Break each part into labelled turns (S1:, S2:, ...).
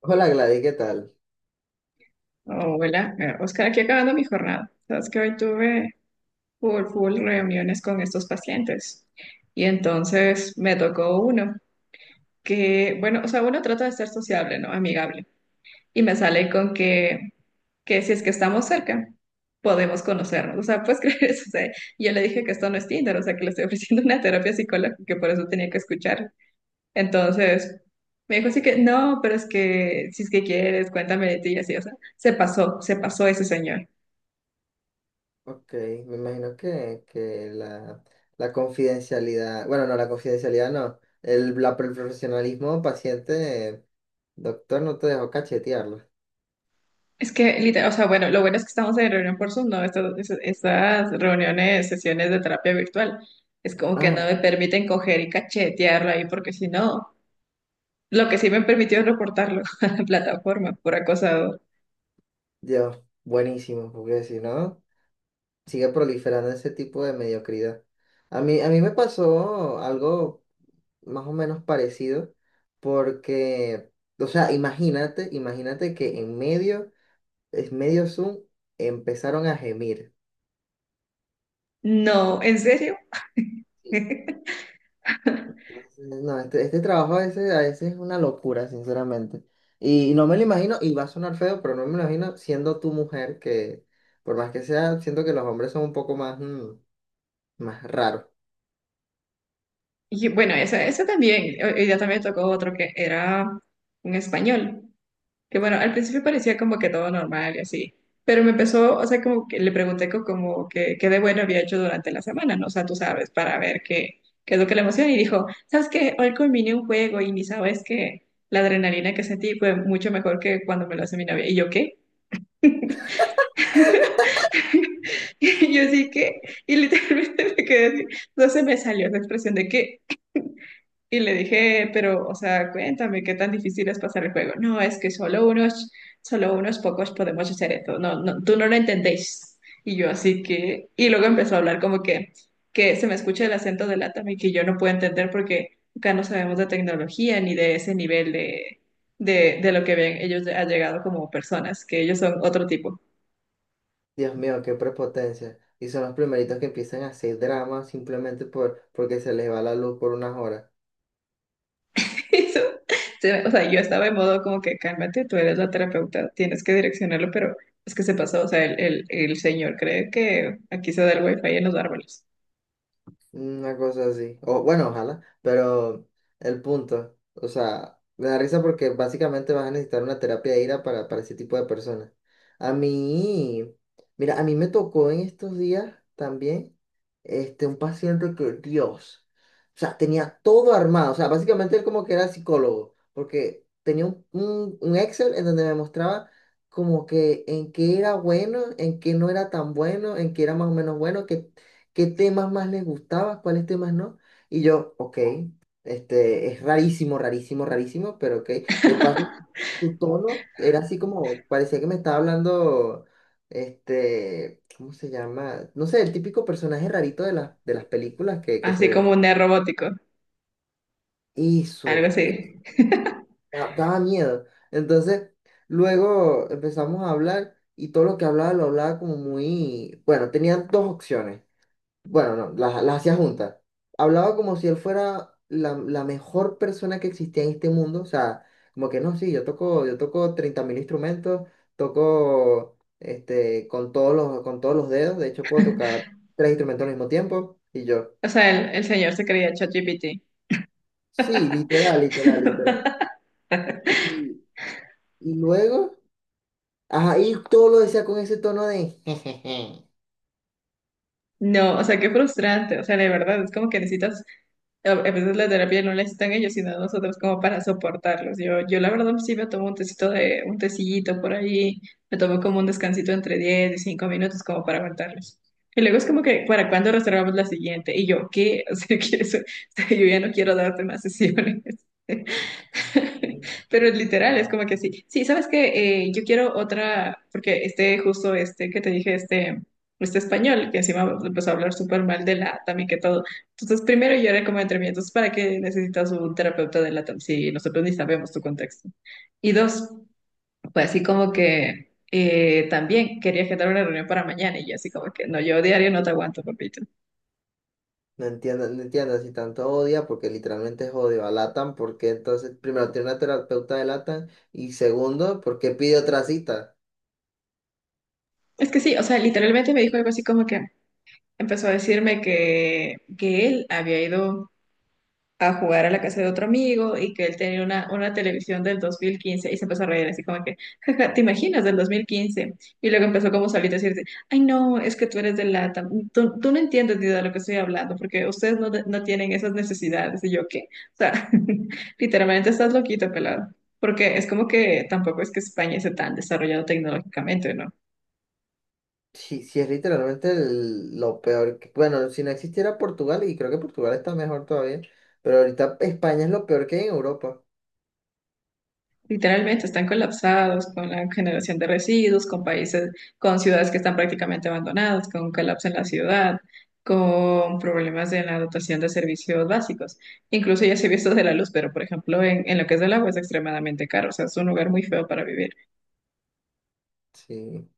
S1: Hola Gladys, ¿qué tal?
S2: Hola, Oscar, aquí acabando mi jornada. Sabes que hoy tuve full, full reuniones con estos pacientes y entonces me tocó uno que, bueno, o sea, uno trata de ser sociable, ¿no? Amigable. Y me sale con que si es que estamos cerca, podemos conocernos. O sea, puedes creer eso. O sea, yo le dije que esto no es Tinder, o sea, que le estoy ofreciendo una terapia psicológica, que por eso tenía que escuchar. Entonces, me dijo así que, no, pero es que, si es que quieres, cuéntame de ti y así, o sea, se pasó ese señor.
S1: Ok, me imagino que la confidencialidad, bueno, no, la confidencialidad no, el profesionalismo paciente, doctor, no te dejó cachetearlo.
S2: Es que, literal, o sea, bueno, lo bueno es que estamos en reunión por Zoom, ¿no? Estas, estas reuniones, sesiones de terapia virtual, es como que
S1: Ah,
S2: no me permiten coger y cachetearlo ahí, porque si no, lo que sí me permitió es reportarlo a la plataforma por acosado.
S1: Dios, buenísimo, porque si no, sigue proliferando ese tipo de mediocridad. A mí me pasó algo más o menos parecido, porque, o sea, imagínate que en medio, es medio Zoom, empezaron a gemir.
S2: No, ¿en serio?
S1: No, este trabajo a veces es una locura, sinceramente. Y no me lo imagino, y va a sonar feo, pero no me lo imagino siendo tu mujer, que por más que sea, siento que los hombres son un poco más, más raros.
S2: Y bueno, ese también, hoy día también tocó otro que era un español, que bueno, al principio parecía como que todo normal y así, pero me empezó, o sea, como que le pregunté como que qué de bueno había hecho durante la semana, ¿no? O sea, tú sabes, para ver qué, qué es lo que le emociona y dijo, ¿sabes qué? Hoy combiné un juego y ni sabes que la adrenalina que sentí fue mucho mejor que cuando me lo hace mi novia. ¿Y yo qué? Y yo sí que, y literalmente me quedé así, no se me salió esa expresión de qué. Y le dije, pero, o sea, cuéntame qué tan difícil es pasar el juego. No, es que solo unos pocos podemos hacer esto. No, no, tú no lo entendéis. Y yo así que, y luego empezó a hablar como que se me escucha el acento de Latam y que yo no puedo entender porque acá no sabemos de tecnología ni de ese nivel de, de lo que ven ellos ha llegado como personas, que ellos son otro tipo.
S1: Dios mío, qué prepotencia. Y son los primeritos que empiezan a hacer drama simplemente porque se les va la luz por unas horas.
S2: Eso, o sea, yo estaba en modo como que cálmate, tú eres la terapeuta, tienes que direccionarlo, pero es que se pasó, o sea, el señor cree que aquí se da el wifi en los árboles,
S1: Una cosa así. O bueno, ojalá, pero el punto, o sea, me da risa porque básicamente vas a necesitar una terapia de ira para ese tipo de personas. A mí, mira, a mí me tocó en estos días también, este, un paciente que, Dios, o sea, tenía todo armado, o sea, básicamente él como que era psicólogo, porque tenía un Excel en donde me mostraba como que en qué era bueno, en qué no era tan bueno, en qué era más o menos bueno, qué temas más les gustaba, cuáles temas no. Y yo, ok, este, es rarísimo, rarísimo, rarísimo, pero ok. De paso, su tono era así como, parecía que me estaba hablando, este, ¿cómo se llama? No sé, el típico personaje rarito de las películas que
S2: así
S1: se...
S2: como un neo robótico, algo
S1: Hizo, eh,
S2: así.
S1: da- daba miedo. Entonces, luego empezamos a hablar y todo lo que hablaba lo hablaba como muy, bueno, tenían dos opciones. Bueno, no, las hacía juntas. Hablaba como si él fuera la mejor persona que existía en este mundo. O sea, como que no, sí, yo toco 30.000 instrumentos, toco este, con todos los dedos. De hecho, puedo tocar tres instrumentos al mismo tiempo. Y yo,
S2: O sea, el señor se creía ChatGPT.
S1: sí, literal, literal, literal. Y, y luego, ajá, y todo lo decía con ese tono de jejeje.
S2: No, o sea, qué frustrante, o sea, de verdad, es como que necesitas A veces la terapia no la necesitan ellos, sino nosotros como para soportarlos. Yo la verdad sí me tomo un tecito de, un tecillito por ahí, me tomo como un descansito entre 10 y 5 minutos como para aguantarlos. Y luego es como que, ¿para cuándo reservamos la siguiente? Y yo, ¿qué? O sea, que eso- o sea, yo ya no quiero darte más sesiones. Pero es literal, es como que sí. Sí, ¿sabes qué? Yo quiero otra, porque este, justo este que te dije, este español, que encima empezó a hablar súper mal de LATAM y que todo. Entonces, primero yo era como entre mí, entonces, ¿para qué necesitas un terapeuta de LATAM si nosotros ni sabemos tu contexto? Y dos, pues así como que también quería agendar una reunión para mañana y yo así como que, no, yo diario no te aguanto, papito.
S1: No entiendo, no entiendo si tanto odia, porque literalmente es odio a LATAM, porque entonces, primero, tiene una terapeuta de LATAM y segundo, ¿por qué pide otra cita?
S2: Es que sí, o sea, literalmente me dijo algo así como que empezó a decirme que él había ido a jugar a la casa de otro amigo y que él tenía una televisión del 2015 y se empezó a reír así como que, jaja, ¿te imaginas del 2015? Y luego empezó como solito a decirte, ay no, es que tú eres de lata, tú no entiendes ni de lo que estoy hablando porque ustedes no, no tienen esas necesidades y yo qué, o sea, literalmente estás loquito, pelado, porque es como que tampoco es que España esté tan desarrollado tecnológicamente, ¿no?
S1: Sí, sí, es literalmente lo peor. Bueno si no existiera Portugal, y creo que Portugal está mejor todavía, pero ahorita España es lo peor que hay en Europa.
S2: Literalmente están colapsados con la generación de residuos, con países, con ciudades que están prácticamente abandonadas, con un colapso en la ciudad, con problemas en la dotación de servicios básicos. Incluso ya se vio esto de la luz, pero por ejemplo en lo que es del agua es extremadamente caro, o sea, es un lugar muy feo para vivir.
S1: Sí.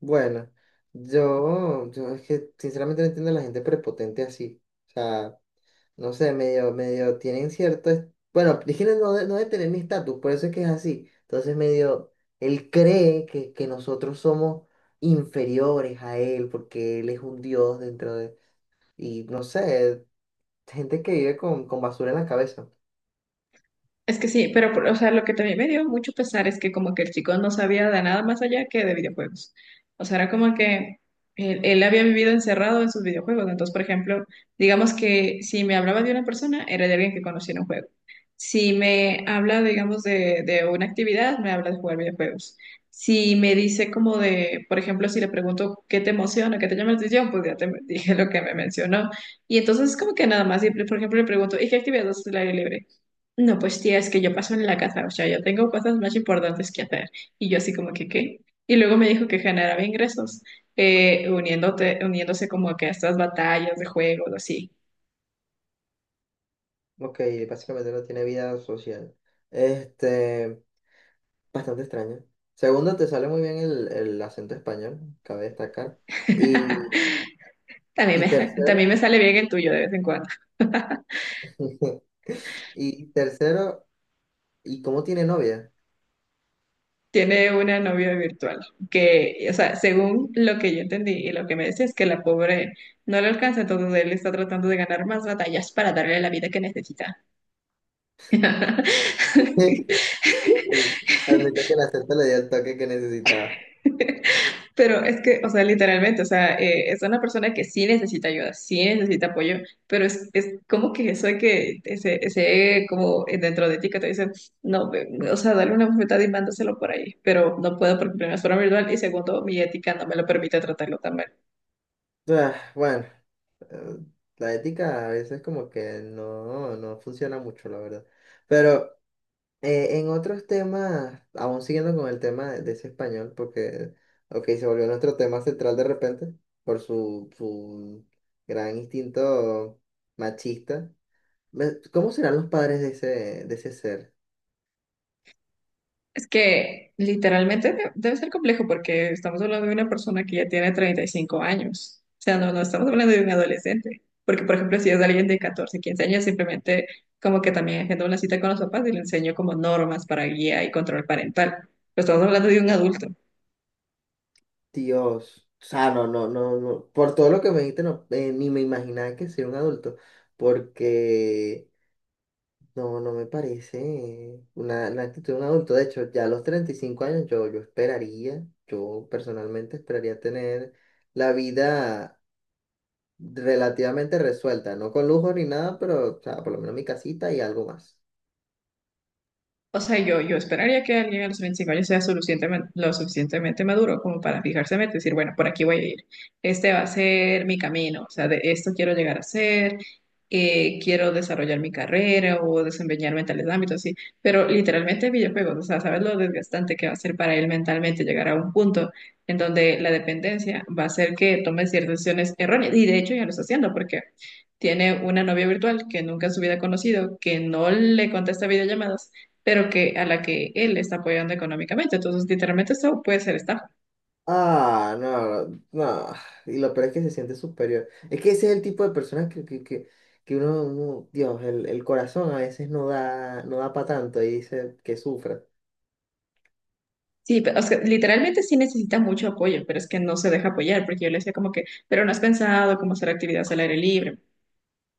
S1: Bueno, yo es que sinceramente no entiendo a la gente prepotente así. O sea, no sé, medio, tienen cierto, bueno, Priscila no, no debe tener mi estatus, por eso es que es así. Entonces medio, él cree que nosotros somos inferiores a él, porque él es un dios dentro de, y no sé, gente que vive con basura en la cabeza.
S2: Es que sí, pero o sea, lo que también me dio mucho pesar es que como que el chico no sabía de nada más allá que de videojuegos. O sea, era como que él había vivido encerrado en sus videojuegos. Entonces, por ejemplo, digamos que si me hablaba de una persona, era de alguien que conocía en un juego. Si me habla, digamos, de, una actividad, me habla de jugar videojuegos. Si me dice como de, por ejemplo, si le pregunto qué te emociona, qué te llama la atención, pues ya te dije lo que me mencionó. Y entonces como que nada más, y, por ejemplo, le pregunto, ¿y qué actividad haces al aire libre? No, pues tía, es que yo paso en la casa, o sea, yo tengo cosas más importantes que hacer. Y yo así como que, ¿qué? Y luego me dijo que generaba ingresos, uniéndote, uniéndose como que a estas batallas de juegos, así.
S1: Ok, básicamente no tiene vida social. Este, bastante extraño. Segundo, te sale muy bien el acento español, cabe destacar. Y,
S2: También
S1: y
S2: me, también
S1: tercero,
S2: me sale bien el tuyo de vez en cuando.
S1: y tercero, ¿y cómo tiene novia?
S2: Tiene una novia virtual que, o sea, según lo que yo entendí y lo que me decía es que la pobre no le alcanza, entonces él está tratando de ganar más batallas para darle la vida que necesita.
S1: El- Admito que la acepto le dio el toque que necesitaba.
S2: Pero es que, o sea, literalmente, o sea, es una persona que sí necesita ayuda, sí necesita apoyo, pero es como que eso de que ese como dentro de ti que te dicen, no, o sea, dale una bofetada y mándaselo por ahí, pero no puedo porque primero es forma virtual y segundo, mi ética no me lo permite tratarlo también.
S1: Ah, bueno, eh, la ética a veces como que no, no funciona mucho, la verdad. Pero en otros temas, aún siguiendo con el tema de ese español, porque, ok, se volvió nuestro tema central de repente por su gran instinto machista. ¿Cómo serán los padres de ese ser?
S2: Es que literalmente debe ser complejo porque estamos hablando de una persona que ya tiene 35 años. O sea, no, no estamos hablando de un adolescente. Porque, por ejemplo, si es alguien de 14, 15 años, simplemente como que también agendo una cita con los papás y le enseño como normas para guía y control parental. Pero estamos hablando de un adulto.
S1: Dios, o sea, no, no, no, no, por todo lo que me dijiste, no, ni me imaginaba que sería un adulto, porque no, no me parece una, la actitud de un adulto. De hecho, ya a los 35 años yo esperaría, yo personalmente esperaría tener la vida relativamente resuelta, no con lujo ni nada, pero, o sea, por lo menos mi casita y algo más.
S2: O sea, yo esperaría que alguien a los 25 años sea suficientemente, lo suficientemente maduro como para fijarse en meta y decir, bueno, por aquí voy a ir. Este va a ser mi camino. O sea, de esto quiero llegar a ser. Eh, quiero desarrollar mi carrera o desempeñarme en tales ámbitos, sí. Pero literalmente videojuegos, o sea, sabes lo desgastante que va a ser para él mentalmente llegar a un punto en donde la dependencia va a hacer que tome ciertas decisiones erróneas. Y de hecho ya lo está haciendo porque tiene una novia virtual que nunca en su vida ha conocido, que no le contesta videollamadas pero que a la que él está apoyando económicamente. Entonces, literalmente esto puede ser estafa.
S1: Ah, no, no. Y lo peor es que se siente superior. Es que ese es el tipo de personas que uno, Dios, el corazón a veces no da, no da para tanto y dice que sufra.
S2: Sí, pero, o sea, literalmente sí necesita mucho apoyo, pero es que no se deja apoyar, porque yo le decía como que, pero no has pensado cómo hacer actividades al aire libre.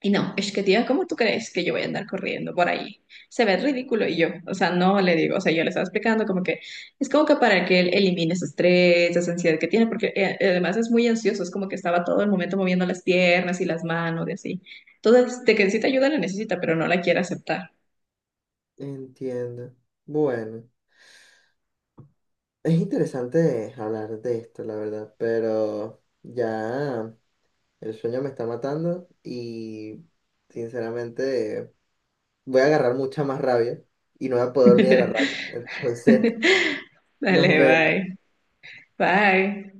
S2: Y no, es que tía, ¿cómo tú crees que yo voy a andar corriendo por ahí? Se ve ridículo. Y yo, o sea, no le digo, o sea, yo le estaba explicando como que es como que para que él elimine ese estrés, esa ansiedad que tiene, porque además es muy ansioso, es como que estaba todo el momento moviendo las piernas y las manos y así. Entonces, de que necesita ayuda, la necesita, pero no la quiere aceptar.
S1: Entiendo. Bueno, es interesante hablar de esto, la verdad, pero ya el sueño me está matando y sinceramente voy a agarrar mucha más rabia y no voy a poder dormir de la
S2: Dale,
S1: rabia. Entonces, nos vemos.
S2: bye. Bye.